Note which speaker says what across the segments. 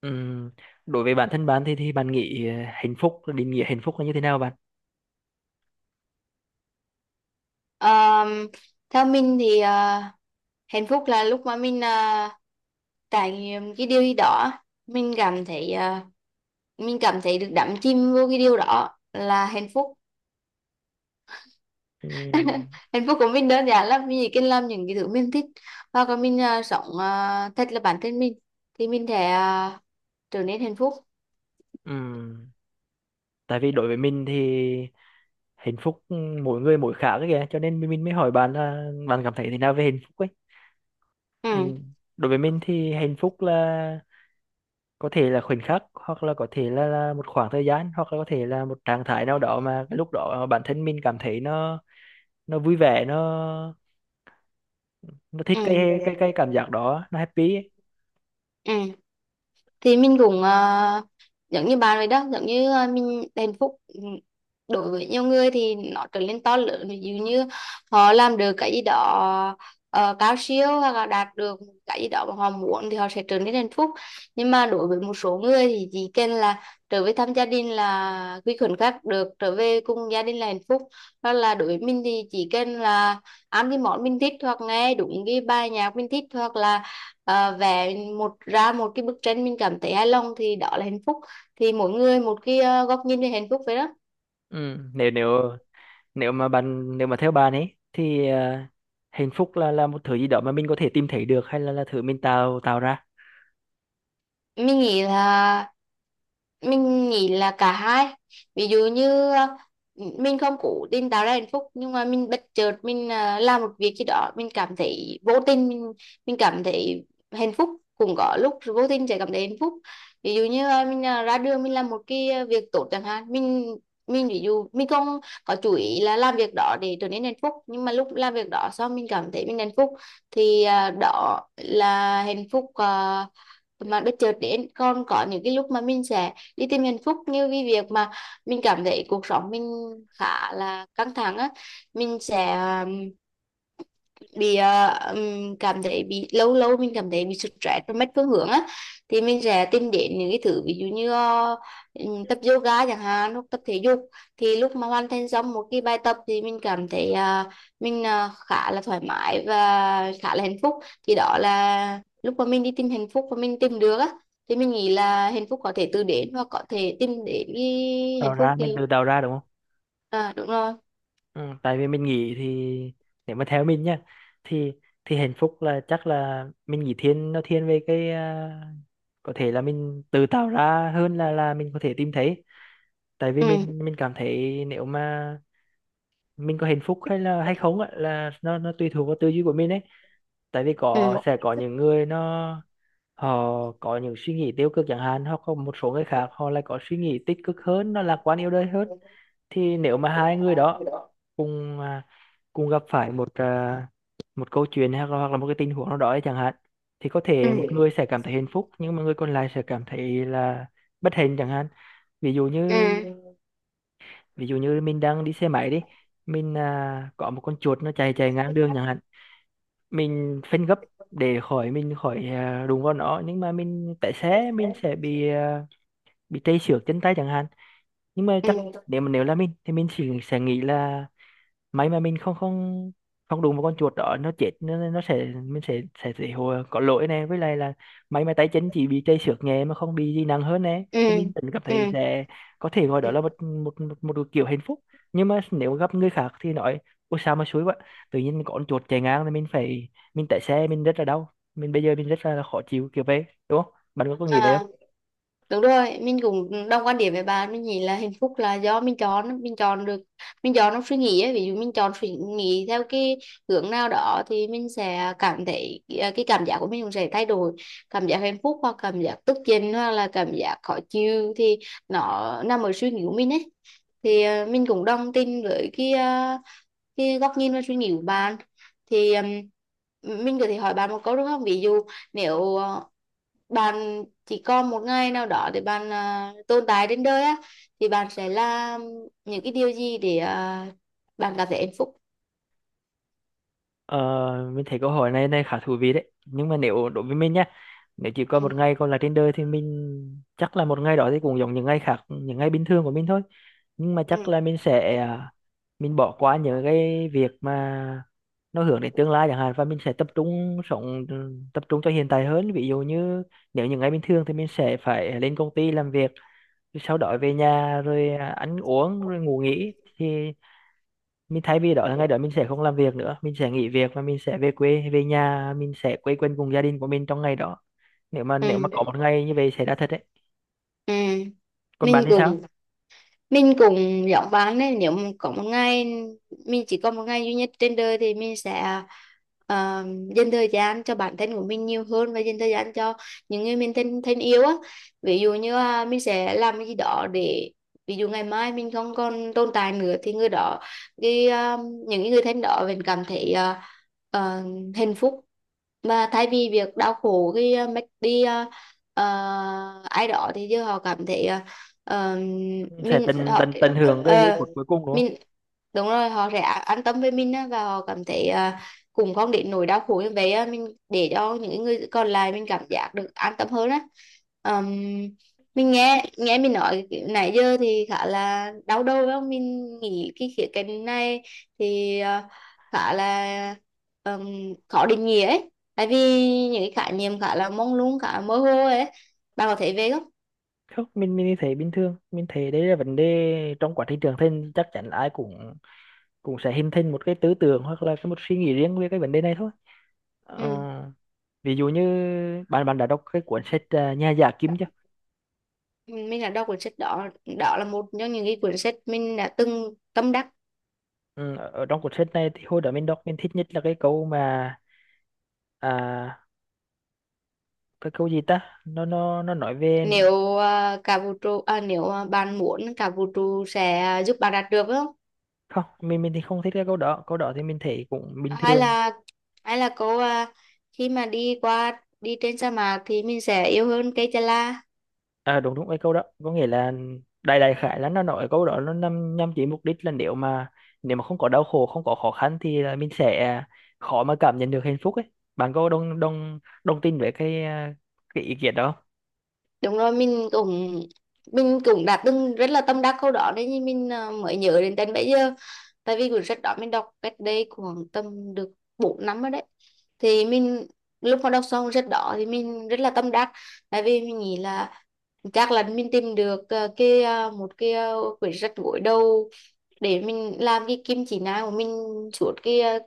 Speaker 1: Ừm, Đối với bản thân bạn thì bạn nghĩ hạnh phúc định nghĩa hạnh phúc là như thế nào bạn?
Speaker 2: Ờm, Theo mình thì hạnh phúc là lúc mà mình trải nghiệm cái điều gì đó, mình cảm thấy ờ, mình cảm thấy được đắm chìm vô cái điều đó là hạnh phúc.
Speaker 1: Ừm,
Speaker 2: Hạnh phúc của mình đơn giản lắm, mình chỉ cần làm những cái thứ mình thích hoặc là mình sống thật là bản thân mình thì mình sẽ trở nên hạnh phúc.
Speaker 1: ừm, Tại vì đối với mình thì hạnh phúc mỗi người mỗi khác ấy kìa, cho nên mình mới hỏi bạn là bạn cảm thấy thế nào về hạnh phúc ấy.
Speaker 2: Ừ,
Speaker 1: Đối với mình thì hạnh phúc là có thể là khoảnh khắc, hoặc là có thể là một khoảng thời gian, hoặc là có thể là một trạng thái nào đó mà cái lúc đó bản thân mình cảm thấy nó vui vẻ, nó thích
Speaker 2: ừ,
Speaker 1: cái cảm giác đó, nó happy ấy.
Speaker 2: ừ. Thì mình cũng giống như bà rồi đó, giống như mình hạnh phúc. Ừ, đối với nhiều người thì nó trở nên to lớn, ví dụ như họ làm được cái gì đó cao siêu hoặc là đạt được cái gì đó mà họ muốn thì họ sẽ trở nên hạnh phúc. Nhưng mà đối với một số người thì chỉ cần là trở về thăm gia đình, là quy khẩn khác được trở về cùng gia đình là hạnh phúc. Hoặc là đối với mình thì chỉ cần là ăn cái món mình thích hoặc nghe đúng cái bài nhạc mình thích hoặc là vẽ một ra một cái bức tranh mình cảm thấy hài lòng thì đó là hạnh phúc. Thì mỗi người một cái góc nhìn về hạnh phúc vậy đó.
Speaker 1: Ừ, nếu nếu nếu mà bạn nếu mà theo bạn ấy thì hạnh phúc là một thứ gì đó mà mình có thể tìm thấy được, hay là thứ mình tạo tạo ra,
Speaker 2: Mình nghĩ là mình nghĩ là cả hai. Ví dụ như mình không cố tình tạo ra hạnh phúc nhưng mà mình bất chợt mình làm một việc gì đó, mình cảm thấy vô tình mình cảm thấy hạnh phúc. Cũng có lúc vô tình sẽ cảm thấy hạnh phúc. Ví dụ như mình ra đường mình làm một cái việc tốt chẳng hạn, mình ví dụ mình không có chú ý là làm việc đó để trở nên hạnh phúc, nhưng mà lúc làm việc đó xong mình cảm thấy mình hạnh phúc. Thì đó là hạnh phúc mà bất chợt đến. Còn có những cái lúc mà mình sẽ đi tìm hạnh phúc, như cái việc mà mình cảm thấy cuộc sống mình khá là căng thẳng á, mình sẽ bị cảm thấy bị, lâu lâu mình cảm thấy bị sụt stress và mất phương hướng á. Thì mình sẽ tìm đến những cái thứ, ví dụ như tập yoga chẳng hạn hoặc tập thể dục. Thì lúc mà hoàn thành xong một cái bài tập thì mình cảm thấy mình khá là thoải mái và khá là hạnh phúc. Thì đó là lúc mà mình đi tìm hạnh phúc và mình tìm được á. Thì mình nghĩ là hạnh phúc có thể từ đến hoặc có thể tìm đến cái hạnh phúc thì.
Speaker 1: mình tự tạo ra đúng không?
Speaker 2: À, đúng rồi.
Speaker 1: Ừ, tại vì mình nghĩ thì nếu mà theo mình nhá, thì thì hạnh phúc là chắc là mình nghĩ thiên, thiên về cái có thể là mình tự tạo ra hơn là mình có thể tìm thấy. Tại vì
Speaker 2: Ừ,
Speaker 1: mình cảm thấy nếu mà mình có hạnh phúc hay là hay không á, là nó tùy thuộc vào tư duy của mình ấy. Tại vì
Speaker 2: ừ,
Speaker 1: sẽ có những người họ có những suy nghĩ tiêu cực chẳng hạn, hoặc có một số người khác họ lại có suy nghĩ tích cực hơn, nó lạc quan yêu đời hơn. Thì nếu mà hai người đó cùng à, cùng gặp phải một câu chuyện hay hoặc là một cái tình huống nào đó ấy chẳng hạn, thì có
Speaker 2: ừ,
Speaker 1: thể một người sẽ cảm thấy hạnh phúc, nhưng mà người còn lại sẽ cảm thấy là bất hạnh chẳng hạn. ví dụ như Ví dụ như mình đang đi xe máy đi, có một con chuột nó chạy chạy ngang đường chẳng hạn. Mình phanh gấp để khỏi, đụng vào nó, nhưng mà mình tại xe, mình sẽ bị tê xước chân tay chẳng hạn, nhưng mà
Speaker 2: ừ,
Speaker 1: chắc
Speaker 2: ừ.
Speaker 1: nếu là mình thì mình chỉ sẽ nghĩ là may mà mình không không không đụng vào con chuột đó, nó chết, nó sẽ mình sẽ hồi có lỗi nè, với lại là may mà tay chân chỉ bị chảy xước nhẹ mà không bị gì nặng hơn nè,
Speaker 2: Ừ,
Speaker 1: thì mình vẫn cảm thấy
Speaker 2: ừ.
Speaker 1: sẽ có thể gọi đó là một kiểu hạnh phúc. Nhưng mà nếu gặp người khác thì nói ôi sao mà xui quá, tự nhiên có con chuột chạy ngang, thì mình phải, mình tại xe, mình rất là đau, mình bây giờ mình rất là khó chịu kiểu vậy đúng không, bạn có nghĩ vậy?
Speaker 2: À, đúng rồi, mình cũng đồng quan điểm với bạn. Mình nghĩ là hạnh phúc là do mình chọn, mình chọn được, mình chọn trong suy nghĩ ấy. Ví dụ mình chọn suy nghĩ theo cái hướng nào đó thì mình sẽ cảm thấy, cái cảm giác của mình cũng sẽ thay đổi. Cảm giác hạnh phúc hoặc cảm giác tức giận hoặc là cảm giác khó chịu thì nó nằm ở suy nghĩ của mình ấy. Thì mình cũng đồng tình với cái góc nhìn và suy nghĩ của bạn. Thì mình có thể hỏi bạn một câu đúng không, ví dụ nếu bạn chỉ còn một ngày nào đó để bạn tồn tại trên đời á, thì bạn sẽ làm những cái điều gì để bạn cảm thấy hạnh phúc?
Speaker 1: Ờ, mình thấy câu hỏi này này khá thú vị đấy, nhưng mà nếu đối với mình nhá, nếu chỉ có
Speaker 2: Ừ.
Speaker 1: một ngày còn là trên đời thì mình chắc là một ngày đó thì cũng giống những ngày khác, những ngày bình thường của mình thôi. Nhưng mà chắc
Speaker 2: Ừ.
Speaker 1: là mình bỏ qua những cái việc mà nó hướng đến tương lai chẳng hạn, và mình sẽ tập trung sống, tập trung cho hiện tại hơn. Ví dụ như nếu những ngày bình thường thì mình sẽ phải lên công ty làm việc, sau đó về nhà rồi ăn uống rồi ngủ nghỉ, thì mình thay vì đó là ngày đó mình sẽ không làm việc nữa, mình sẽ nghỉ việc, và mình sẽ về quê về nhà, mình sẽ quây quần cùng gia đình của mình trong ngày đó, nếu mà
Speaker 2: Ừ.
Speaker 1: có một ngày như vậy xảy ra thật đấy.
Speaker 2: Ừ.
Speaker 1: Còn bạn
Speaker 2: Mình
Speaker 1: thì sao?
Speaker 2: cũng mình cũng giống bạn đấy. Nếu mà có một ngày, mình chỉ có một ngày duy nhất trên đời thì mình sẽ ờ, dành thời gian cho bản thân của mình nhiều hơn và dành thời gian cho những người mình thân thân yêu á. Ví dụ như mình sẽ làm cái gì đó để, ví dụ ngày mai mình không còn tồn tại nữa, thì người đó, cái những cái người thân đó mình cảm thấy ờ, hạnh phúc. Mà thay vì việc đau khổ khi mất đi ờ, ai đó thì giờ họ cảm thấy Ờ,
Speaker 1: Sẽ
Speaker 2: mình
Speaker 1: tận
Speaker 2: họ,
Speaker 1: tận tận hưởng cái giây
Speaker 2: ờ,
Speaker 1: phút cuối cùng đúng không?
Speaker 2: mình, đúng rồi, họ sẽ an tâm với mình á, và họ cảm thấy cũng không đến nỗi đau khổ như vậy á. Mình để cho những người còn lại mình cảm giác được an tâm hơn á. Ờm, mình nghe nghe mình nói nãy giờ thì khá là đau đầu phải không? Mình nghĩ cái khía cạnh này thì khá là khó định nghĩa ấy, tại vì những cái khái niệm khá là mông lung, khá là mơ hồ ấy. Bạn có thấy về không?
Speaker 1: Không, mình thấy bình thường, mình thấy đấy là vấn đề trong quá trình trưởng thành, chắc chắn là ai cũng cũng sẽ hình thành một cái tư tưởng hoặc là một suy nghĩ riêng về cái vấn đề này thôi. Ờ,
Speaker 2: Ừ.
Speaker 1: ví dụ như bạn bạn đã đọc cái cuốn sách Nhà giả Kim chưa?
Speaker 2: Mình là đọc cuốn sách đó. Đó là một trong những cái cuốn sách mình đã từng tâm đắc.
Speaker 1: Ừ, ở ở trong cuốn sách này thì hồi đó mình đọc, mình thích nhất là cái câu mà à, cái câu gì ta, nó nói về
Speaker 2: Nếu cả vũ trụ, nếu bạn muốn, cả vũ trụ sẽ giúp bạn đạt được phải không?
Speaker 1: không, mình thì không thích cái câu đó, câu đó thì mình thấy cũng bình
Speaker 2: Hay
Speaker 1: thường.
Speaker 2: là, hay là khi mà đi qua đi trên sa mạc thì mình sẽ yêu hơn cây chà la.
Speaker 1: À, đúng đúng cái câu đó có nghĩa là đại đại khái là nó nói, câu đó nó nhằm nhằm chỉ mục đích là nếu mà không có đau khổ, không có khó khăn thì là mình sẽ khó mà cảm nhận được hạnh phúc ấy, bạn có đồng đồng đồng tin với cái ý kiến đó không?
Speaker 2: Đúng rồi, mình cũng đã từng rất là tâm đắc câu đó đấy, nhưng mình mới nhớ đến đến bây giờ. Tại vì cuốn sách đó mình đọc cách đây khoảng tầm được 4 năm rồi đấy. Thì mình, lúc mà đọc xong cuốn sách đó thì mình rất là tâm đắc. Tại vì mình nghĩ là chắc là mình tìm được cái, một cái, quyển sách gối đầu để mình làm cái kim chỉ nam của mình suốt cái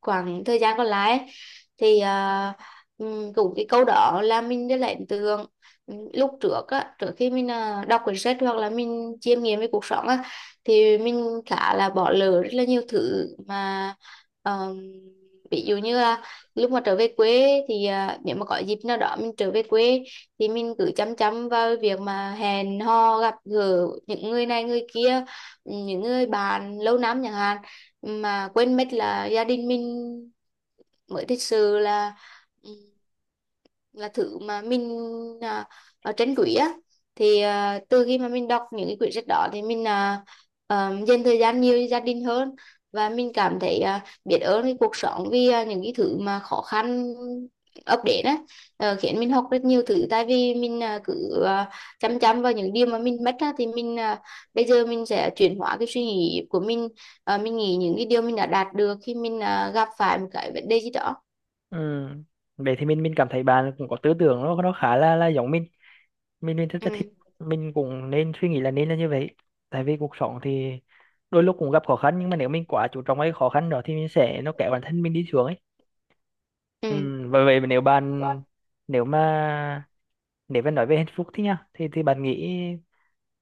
Speaker 2: khoảng thời gian còn lại ấy. Thì cũng cái câu đó là mình rất là ấn tượng. Lúc trước á, trước khi mình đọc quyển sách hoặc là mình chiêm nghiệm về cuộc sống á, thì mình khá là bỏ lỡ rất là nhiều thứ mà, ờm, ví dụ như là lúc mà trở về quê thì nếu mà có dịp nào đó mình trở về quê thì mình cứ chăm chăm vào việc mà hẹn hò gặp gỡ những người này người kia, ừ, những người bạn lâu năm chẳng hạn, mà quên mất là gia đình mình mới thật sự là, ừ, là thứ mà mình à, ở trên quỹ á. Thì từ khi mà mình đọc những cái quyển sách đó thì mình, dành thời gian nhiều cho gia đình hơn, và mình cảm thấy biết ơn cái cuộc sống vì những cái thứ mà khó khăn ập đến á, khiến mình học rất nhiều thứ, tại vì mình cứ chăm chăm vào những điều mà mình mất á, thì mình, bây giờ mình sẽ chuyển hóa cái suy nghĩ của mình. Mình nghĩ những cái điều mình đã đạt được khi mình gặp phải một cái vấn đề gì đó.
Speaker 1: Ừ. Vậy thì mình cảm thấy bạn cũng có tư tưởng, nó khá là giống mình. Mình rất là thích,
Speaker 2: Ừ.
Speaker 1: mình cũng nên suy nghĩ là nên là như vậy. Tại vì cuộc sống thì đôi lúc cũng gặp khó khăn, nhưng mà nếu mình quá chú trọng cái khó khăn đó thì mình sẽ nó kéo bản thân mình đi xuống ấy. ừ,
Speaker 2: Ừ.
Speaker 1: và vậy nếu bạn, nếu mà nếu mà nói về hạnh phúc thì nha, thì bạn nghĩ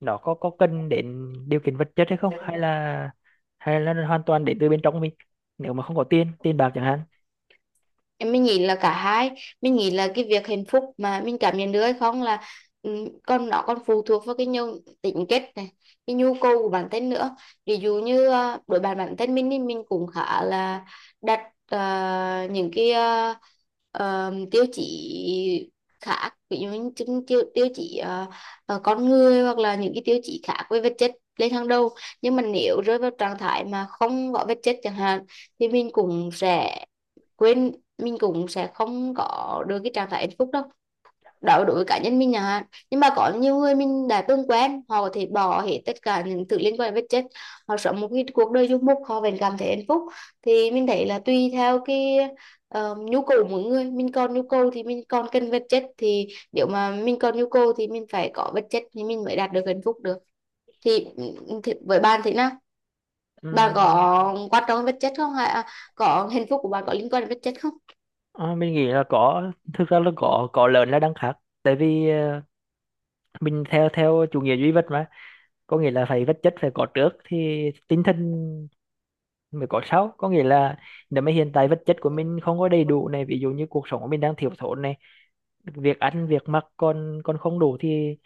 Speaker 1: nó có cần đến điều kiện vật chất hay không, hay là nó hoàn toàn đến từ bên trong mình, nếu mà không có tiền tiền bạc chẳng hạn.
Speaker 2: Mình nghĩ là cả hai. Mình nghĩ là cái việc hạnh phúc mà mình cảm nhận được hay không là, ừ, còn nó còn phụ thuộc vào cái nhu tính kết này, cái nhu cầu của bản thân nữa. Ví dụ như đối bản bản thân mình thì mình cũng khá là đặt những cái tiêu chí khác, ví dụ như tiêu tiêu chí con người, hoặc là những cái tiêu chí khác với vật chất lên hàng đầu. Nhưng mà nếu rơi vào trạng thái mà không có vật chất chẳng hạn thì mình cũng sẽ quên, mình cũng sẽ không có được cái trạng thái hạnh phúc đâu. Đó là đối với cá nhân mình à, nhưng mà có nhiều người mình đã từng quen, họ có thể bỏ hết tất cả những thứ liên quan đến vật chất, họ sống một cái cuộc đời du mục, họ vẫn cảm thấy hạnh phúc. Thì mình thấy là tùy theo cái nhu cầu của mỗi người. Mình còn nhu cầu thì mình còn cần vật chất, thì nếu mà mình còn nhu cầu thì mình phải có vật chất thì mình mới đạt được hạnh phúc được. Thì, ừ, thì với bạn thế nào? Bạn
Speaker 1: Ừm,
Speaker 2: có quan trọng đến vật chất không, hay có hạnh phúc của bạn có liên quan đến vật chất không?
Speaker 1: mình nghĩ là có, thực ra là có lớn là đang khác, tại vì mình theo theo chủ nghĩa duy vật mà, có nghĩa là phải vật chất phải có trước thì tinh thần mới có sau, có nghĩa là nếu mà hiện tại vật chất của mình không có đầy đủ này, ví dụ như cuộc sống của mình đang thiếu thốn này, việc ăn việc mặc còn còn không đủ thì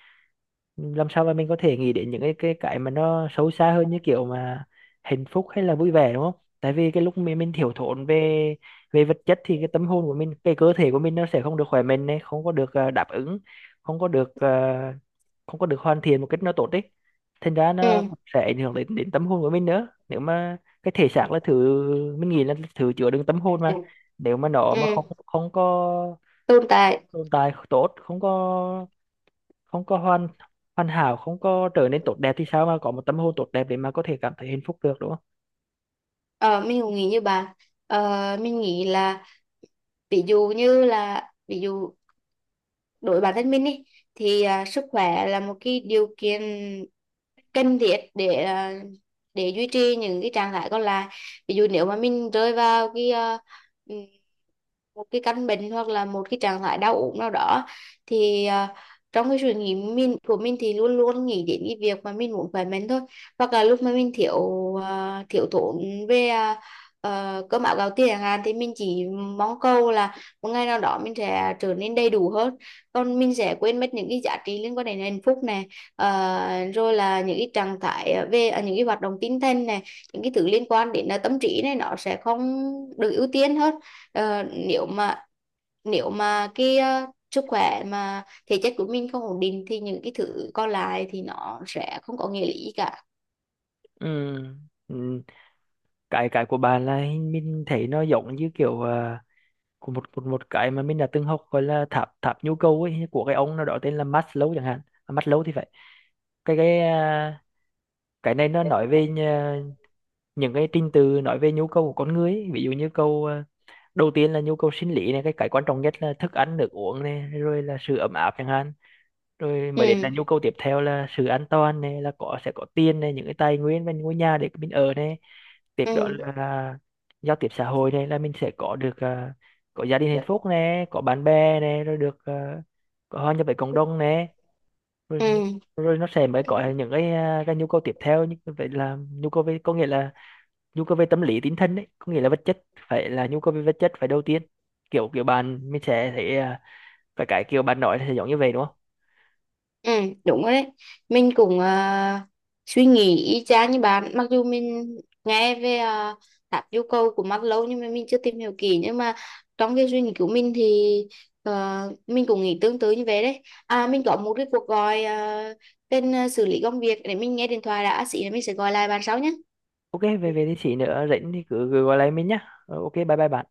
Speaker 1: làm sao mà mình có thể nghĩ đến những cái mà nó sâu xa hơn, như kiểu mà hạnh phúc hay là vui vẻ đúng không? Tại vì cái lúc mình thiếu thốn về về vật chất thì cái tâm hồn của mình, cái cơ thể của mình nó sẽ không được khỏe mạnh này, không có được đáp ứng, không có được, không có được hoàn thiện một cách nó tốt đấy, thành ra nó
Speaker 2: Ừ,
Speaker 1: cũng sẽ ảnh hưởng đến đến tâm hồn của mình nữa, nếu mà cái thể xác là thứ mình nghĩ là thứ chứa đựng tâm hồn mà. Nếu mà nó mà
Speaker 2: ừ,
Speaker 1: không không có
Speaker 2: tồn tại.
Speaker 1: tồn tại tốt, không có hoàn, hảo, không có trở nên tốt đẹp thì sao mà có một tâm hồn tốt đẹp để mà có thể cảm thấy hạnh phúc được đúng không?
Speaker 2: Ờ, mình cũng nghĩ như bạn. Mình nghĩ là, ví dụ như là, ví dụ đối với bản thân mình ý, thì sức khỏe là một cái điều kiện cần thiết để duy trì những cái trạng thái còn lại. Ví dụ nếu mà mình rơi vào cái ừ, một cái căn bệnh hoặc là một cái trạng thái đau ốm nào đó, thì trong cái suy nghĩ mình của mình thì luôn luôn nghĩ đến cái việc mà mình muốn khỏe mạnh thôi. Hoặc là lúc mà mình thiếu thốn về cơm áo gạo tiền chẳng hạn thì mình chỉ mong cầu là một ngày nào đó mình sẽ trở nên đầy đủ hơn. Còn mình sẽ quên mất những cái giá trị liên quan đến hạnh phúc này, rồi là những cái trạng thái về những cái hoạt động tinh thần này, những cái thứ liên quan đến là tâm trí này, nó sẽ không được ưu tiên hết. Ờ, nếu mà nếu mà cái sức khỏe mà thể chất của mình không ổn định thì những cái thứ còn lại thì nó sẽ không có nghĩa lý gì cả.
Speaker 1: Ừ. Ừ. cái của bạn là mình thấy nó giống như kiểu của một một một cái mà mình đã từng học, gọi là tháp tháp nhu cầu ấy, của cái ông nào đó tên là Maslow chẳng hạn. Maslow thì phải. cái cái à, cái này nó nói về những cái trình tự nói về nhu cầu của con người ấy. Ví dụ như đầu tiên là nhu cầu sinh lý này, cái quan trọng nhất là thức ăn nước uống này, rồi là sự ấm áp chẳng hạn, rồi
Speaker 2: Ừ.
Speaker 1: mới đến là nhu cầu tiếp theo là sự an toàn này, là sẽ có tiền này, những cái tài nguyên và ngôi nhà để mình ở này, tiếp
Speaker 2: Ừ.
Speaker 1: đó là giao tiếp xã hội này, là mình sẽ có gia đình hạnh phúc này, có bạn bè này, rồi có hòa nhập với cộng đồng này, rồi,
Speaker 2: Ừ.
Speaker 1: rồi nó sẽ mới có những cái nhu cầu tiếp theo như vậy, là nhu cầu về, có nghĩa là nhu cầu về tâm lý tinh thần đấy, có nghĩa là vật chất phải là nhu cầu về vật chất phải đầu tiên, kiểu kiểu bạn mình sẽ thấy phải cái kiểu bạn nói là sẽ giống như vậy đúng không?
Speaker 2: Ừ, đúng rồi đấy. Mình cũng suy nghĩ y chang như bạn. Mặc dù mình nghe về uh, tháp yêu cầu của Maslow nhưng mà mình chưa tìm hiểu kỹ. Nhưng mà trong cái suy nghĩ của mình thì ờ, mình cũng nghĩ tương tự như vậy đấy. À, mình có một cái cuộc gọi tên xử lý công việc, để mình nghe điện thoại đã. À, Xí là mình sẽ gọi lại bạn sau nhé.
Speaker 1: OK. Về về thì chị nữa rảnh thì cứ gọi lại mình nhá. Ờ, ok, bye bye bạn.